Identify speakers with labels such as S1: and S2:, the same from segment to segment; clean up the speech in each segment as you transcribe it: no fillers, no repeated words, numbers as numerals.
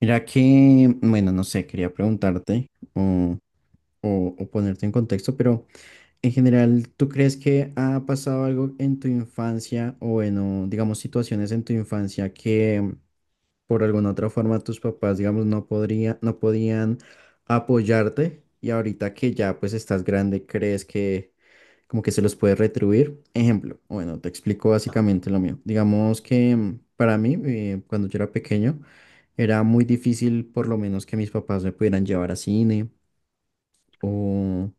S1: Mira que, bueno, no sé, quería preguntarte o ponerte en contexto, pero en general, ¿tú crees que ha pasado algo en tu infancia o, bueno, digamos, situaciones en tu infancia que por alguna otra forma tus papás, digamos, no podían apoyarte y ahorita que ya pues estás grande, crees que como que se los puede retribuir. Ejemplo, bueno, te explico básicamente lo mío. Digamos que para mí, cuando yo era pequeño, era muy difícil por lo menos que mis papás me pudieran llevar a cine o...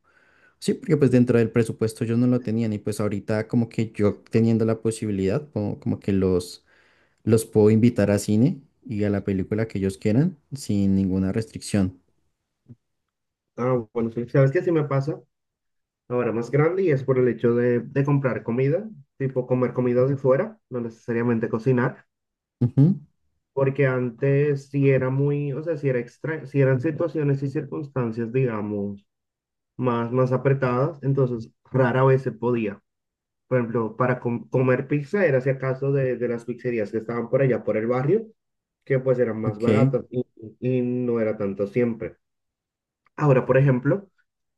S1: Sí, porque pues dentro del presupuesto yo no lo tenían y pues ahorita como que yo teniendo la posibilidad, como que los puedo invitar a cine y a la película que ellos quieran sin ninguna restricción.
S2: Ah, bueno, sí, sabes que sí me pasa ahora más grande y es por el hecho de comprar comida, tipo comer comida de fuera, no necesariamente cocinar,
S1: Ujú,
S2: porque antes sí era muy, o sea, sí era extra, sí eran situaciones y circunstancias, digamos, más apretadas, entonces rara vez se podía. Por ejemplo, para comer pizza era si acaso de las pizzerías que estaban por allá, por el barrio, que pues eran más
S1: ok.
S2: baratas y no era tanto siempre. Ahora, por ejemplo,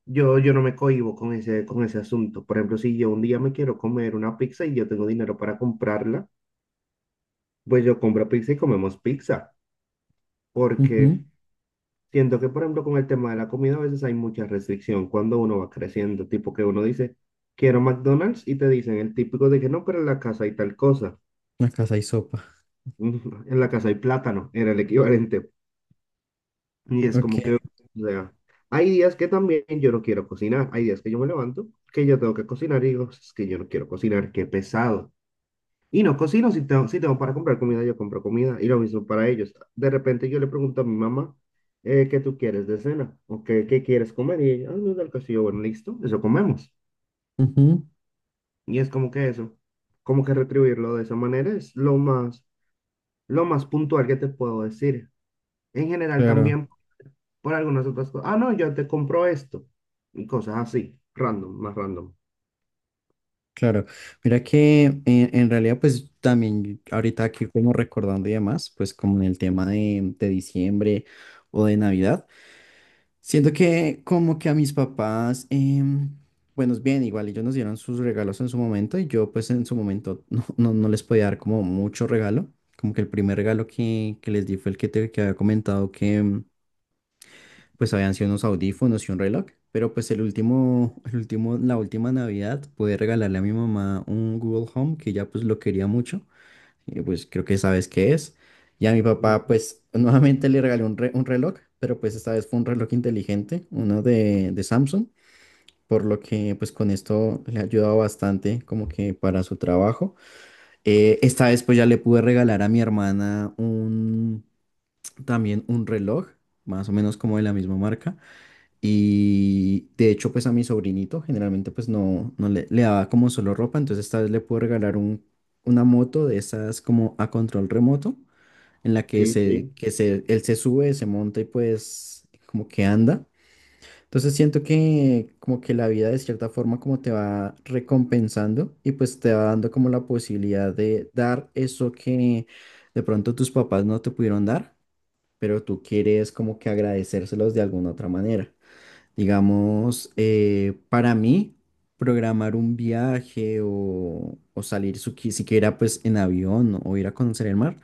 S2: yo no me cohíbo con ese asunto. Por ejemplo, si yo un día me quiero comer una pizza y yo tengo dinero para comprarla, pues yo compro pizza y comemos pizza. Porque
S1: Ujú.
S2: siento que, por ejemplo, con el tema de la comida a veces hay mucha restricción cuando uno va creciendo. Tipo que uno dice, quiero McDonald's y te dicen el típico de que no, pero en la casa hay tal cosa.
S1: Una casa y sopa.
S2: En la casa hay plátano, era el equivalente. Y es
S1: Ok.
S2: como que, o sea, hay días que también yo no quiero cocinar, hay días que yo me levanto, que yo tengo que cocinar y digo, es que yo no quiero cocinar, qué pesado. Y no cocino, si tengo para comprar comida, yo compro comida, y lo mismo para ellos. De repente yo le pregunto a mi mamá, ¿qué tú quieres de cena? ¿O qué, qué quieres comer? Y ella, ah, no, del castillo, bueno, listo, eso comemos.
S1: Ujú.
S2: Y es como que eso, como que retribuirlo de esa manera es lo más puntual que te puedo decir. En general
S1: Claro.
S2: también por algunas otras cosas. Ah, no, yo te compro esto. Y cosas así, random, más random.
S1: Claro, mira que en realidad pues también ahorita aquí como recordando y demás, pues como en el tema de diciembre o de Navidad, siento que como que a mis papás, bueno, es bien, igual ellos nos dieron sus regalos en su momento y yo pues en su momento no, no, no les podía dar como mucho regalo, como que el primer regalo que les di fue el que te que había comentado que, pues habían sido unos audífonos y un reloj, pero pues la última Navidad pude regalarle a mi mamá un Google Home que ya pues lo quería mucho, y pues creo que sabes qué es. Y a mi papá
S2: Mm.
S1: pues nuevamente le regalé un reloj, pero pues esta vez fue un reloj inteligente, uno de Samsung. Por lo que pues con esto le ha ayudado bastante como que para su trabajo. Esta vez pues ya le pude regalar a mi hermana un también un reloj, más o menos como de la misma marca y de hecho, pues a mi sobrinito generalmente pues no, le daba como solo ropa, entonces esta vez le puedo regalar una moto de esas como a control remoto, en la que,
S2: Sí, sí.
S1: él se sube, se monta y pues como que anda. Entonces siento que como que la vida de cierta forma como te va recompensando y pues te va dando como la posibilidad de dar eso que de pronto tus papás no te pudieron dar, pero tú quieres como que agradecérselos de alguna otra manera. Digamos, para mí, programar un viaje o salir siquiera pues en avión o ir a conocer el mar,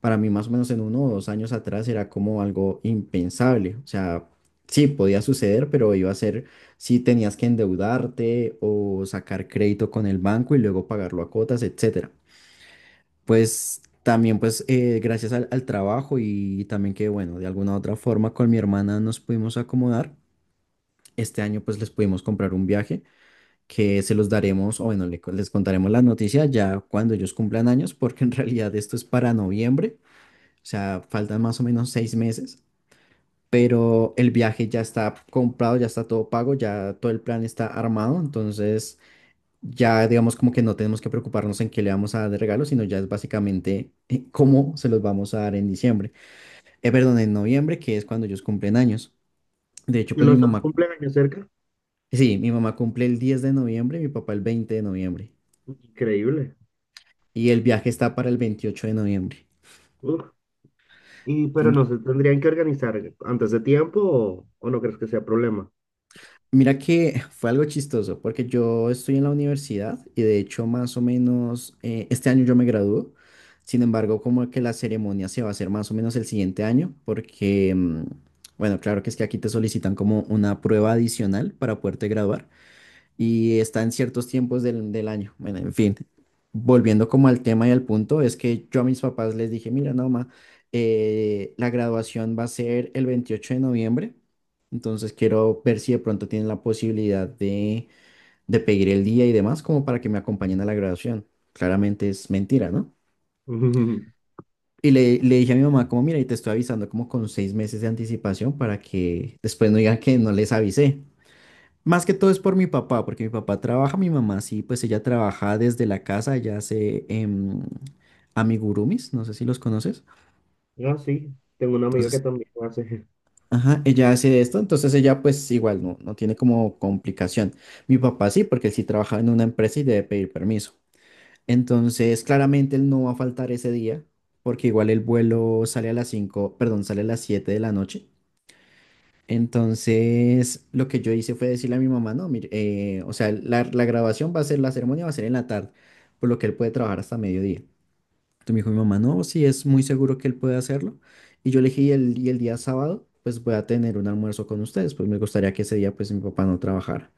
S1: para mí más o menos en uno o dos años atrás era como algo impensable. O sea, sí, podía suceder, pero iba a ser si tenías que endeudarte o sacar crédito con el banco y luego pagarlo a cuotas, etcétera. Pues también pues gracias al trabajo y también que bueno, de alguna u otra forma con mi hermana nos pudimos acomodar este año pues les pudimos comprar un viaje que se los daremos, o bueno, les contaremos las noticias ya cuando ellos cumplan años, porque en realidad esto es para noviembre, o sea, faltan más o menos 6 meses, pero el viaje ya está comprado, ya está todo pago, ya todo el plan está armado, entonces ya digamos como que no tenemos que preocuparnos en qué le vamos a dar de regalo, sino ya es básicamente cómo se los vamos a dar en diciembre, perdón, en noviembre, que es cuando ellos cumplen años. De hecho,
S2: Y
S1: pues mi
S2: los dos
S1: mamá,
S2: cumpleaños cerca.
S1: sí, mi mamá cumple el 10 de noviembre, mi papá el 20 de noviembre.
S2: Increíble.
S1: Y el viaje está para el 28 de noviembre.
S2: Uf. Y, pero no
S1: En-
S2: se tendrían que organizar antes de tiempo o no crees que sea problema.
S1: Mira que fue algo chistoso, porque yo estoy en la universidad y de hecho más o menos este año yo me gradúo. Sin embargo, como que la ceremonia se va a hacer más o menos el siguiente año, porque, bueno, claro que es que aquí te solicitan como una prueba adicional para poderte graduar. Y está en ciertos tiempos del año. Bueno, en fin, volviendo como al tema y al punto, es que yo a mis papás les dije, mira, no, ma, la graduación va a ser el 28 de noviembre, entonces quiero ver si de pronto tienen la posibilidad de pedir el día y demás como para que me acompañen a la graduación. Claramente es mentira, ¿no? Y le dije a mi mamá como, mira, y te estoy avisando como con 6 meses de anticipación para que después no digan que no les avisé. Más que todo es por mi papá, porque mi papá trabaja, mi mamá sí, pues ella trabaja desde la casa, ella hace amigurumis, no sé si los conoces.
S2: No, sí. Tengo una amiga que
S1: Entonces,
S2: también lo hace.
S1: ajá, ella hace esto, entonces ella pues igual no, no tiene como complicación. Mi papá sí, porque él sí trabaja en una empresa y debe pedir permiso. Entonces, claramente él no va a faltar ese día, porque igual el vuelo sale a las 5, perdón, sale a las 7 de la noche. Entonces, lo que yo hice fue decirle a mi mamá, no, mire, o sea, la grabación va a ser, la ceremonia va a ser en la tarde, por lo que él puede trabajar hasta mediodía. Entonces me dijo mi mamá, no, sí, es muy seguro que él puede hacerlo. Y yo le dije, y el día sábado, pues voy a tener un almuerzo con ustedes, pues me gustaría que ese día, pues mi papá no trabajara.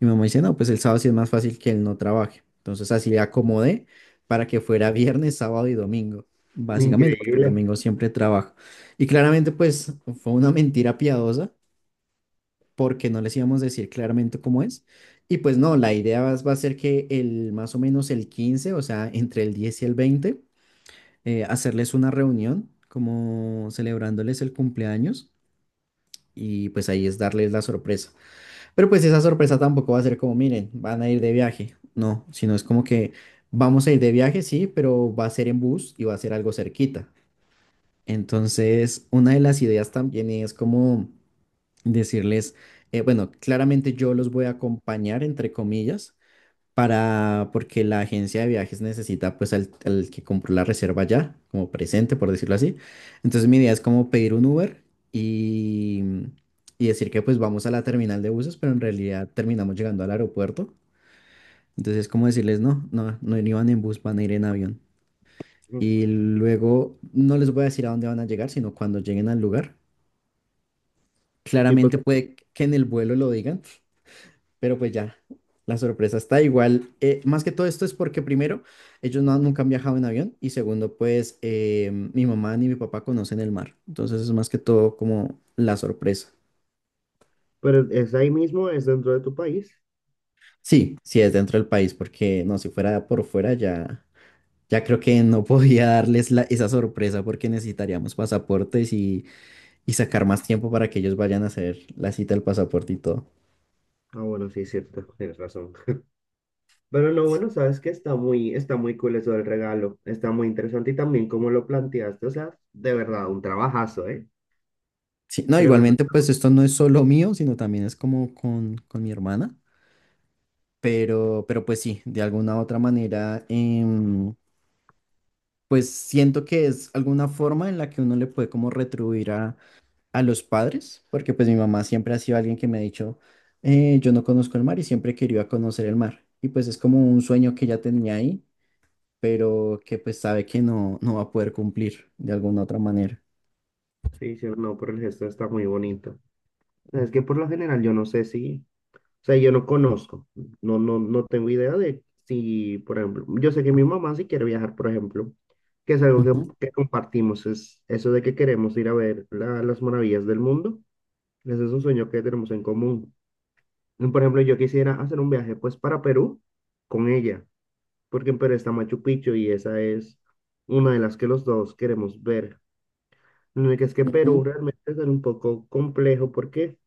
S1: Y mi mamá dice, no, pues el sábado sí es más fácil que él no trabaje. Entonces así le acomodé para que fuera viernes, sábado y domingo, básicamente, porque el
S2: Increíble.
S1: domingo siempre trabajo. Y claramente, pues fue una mentira piadosa porque no les íbamos a decir claramente cómo es. Y pues no, la idea va a ser que el más o menos el 15, o sea, entre el 10 y el 20, hacerles una reunión como celebrándoles el cumpleaños y pues ahí es darles la sorpresa. Pero pues esa sorpresa tampoco va a ser como, miren, van a ir de viaje, no, sino es como que vamos a ir de viaje, sí, pero va a ser en bus y va a ser algo cerquita. Entonces, una de las ideas también es como decirles, bueno, claramente yo los voy a acompañar, entre comillas, para, porque la agencia de viajes necesita pues al que compró la reserva ya, como presente, por decirlo así. Entonces, mi idea es como pedir un Uber y, y decir que pues vamos a la terminal de buses, pero en realidad terminamos llegando al aeropuerto. Entonces, como decirles, no, no, no iban en bus, van a ir en avión.
S2: Mm,
S1: Y luego no les voy a decir a dónde van a llegar, sino cuando lleguen al lugar.
S2: sí, pues,
S1: Claramente puede que en el vuelo lo digan, pero pues ya, la sorpresa está igual. Más que todo esto es porque primero, ellos no, nunca han viajado en avión y segundo, pues mi mamá ni mi papá conocen el mar. Entonces es más que todo como la sorpresa.
S2: pero es ahí mismo, es dentro de tu país.
S1: Sí, sí es dentro del país, porque no, si fuera por fuera ya, creo que no podía darles esa sorpresa porque necesitaríamos pasaportes y sacar más tiempo para que ellos vayan a hacer la cita del pasaporte y todo.
S2: Ah, bueno, sí, es cierto. Tienes razón. Pero no, bueno, sabes que está muy cool eso del regalo. Está muy interesante y también cómo lo planteaste. O sea, de verdad, un trabajazo, ¿eh?
S1: Sí, no,
S2: Tremendo.
S1: igualmente, pues esto no es solo mío, sino también es como con mi hermana, pero pues sí, de alguna u otra manera, pues siento que es alguna forma en la que uno le puede como retribuir a los padres, porque pues mi mamá siempre ha sido alguien que me ha dicho, "Yo no conozco el mar y siempre quería conocer el mar, y pues es como un sueño que ya tenía ahí, pero que pues sabe que no, no va a poder cumplir de alguna otra manera."
S2: Sí, sí, no, por el gesto está muy bonito. Es que por lo general yo no sé si, o sea, yo no conozco, no, no, no tengo idea de si, por ejemplo, yo sé que mi mamá sí quiere viajar, por ejemplo, que es algo que compartimos, es eso de que queremos ir a ver las maravillas del mundo. Ese es un sueño que tenemos en común. Por ejemplo, yo quisiera hacer un viaje pues para Perú con ella, porque en Perú está Machu Picchu y esa es una de las que los dos queremos ver. Lo único es que Perú
S1: Ujú.
S2: realmente es un poco complejo porque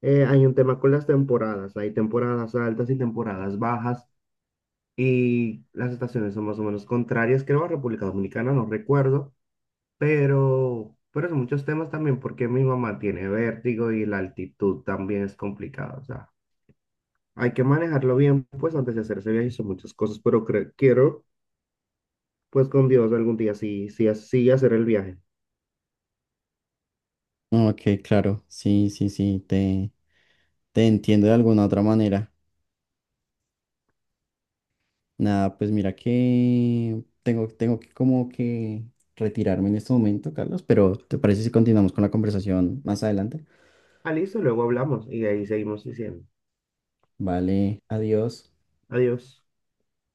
S2: hay un tema con las temporadas, hay temporadas altas y temporadas bajas y las estaciones son más o menos contrarias, creo a República Dominicana, no recuerdo, pero son muchos temas también porque mi mamá tiene vértigo y la altitud también es complicada, o sea. Hay que manejarlo bien, pues antes de hacer ese viaje son muchas cosas, pero quiero, pues con Dios algún día sí, sí, sí hacer el viaje.
S1: Ok, claro, sí, sí, sí, te entiendo de alguna otra manera. Nada, pues mira que tengo que como que retirarme en este momento, Carlos, pero ¿te parece si continuamos con la conversación más adelante?
S2: Ah, listo, luego hablamos y ahí seguimos diciendo.
S1: Vale, adiós.
S2: Adiós.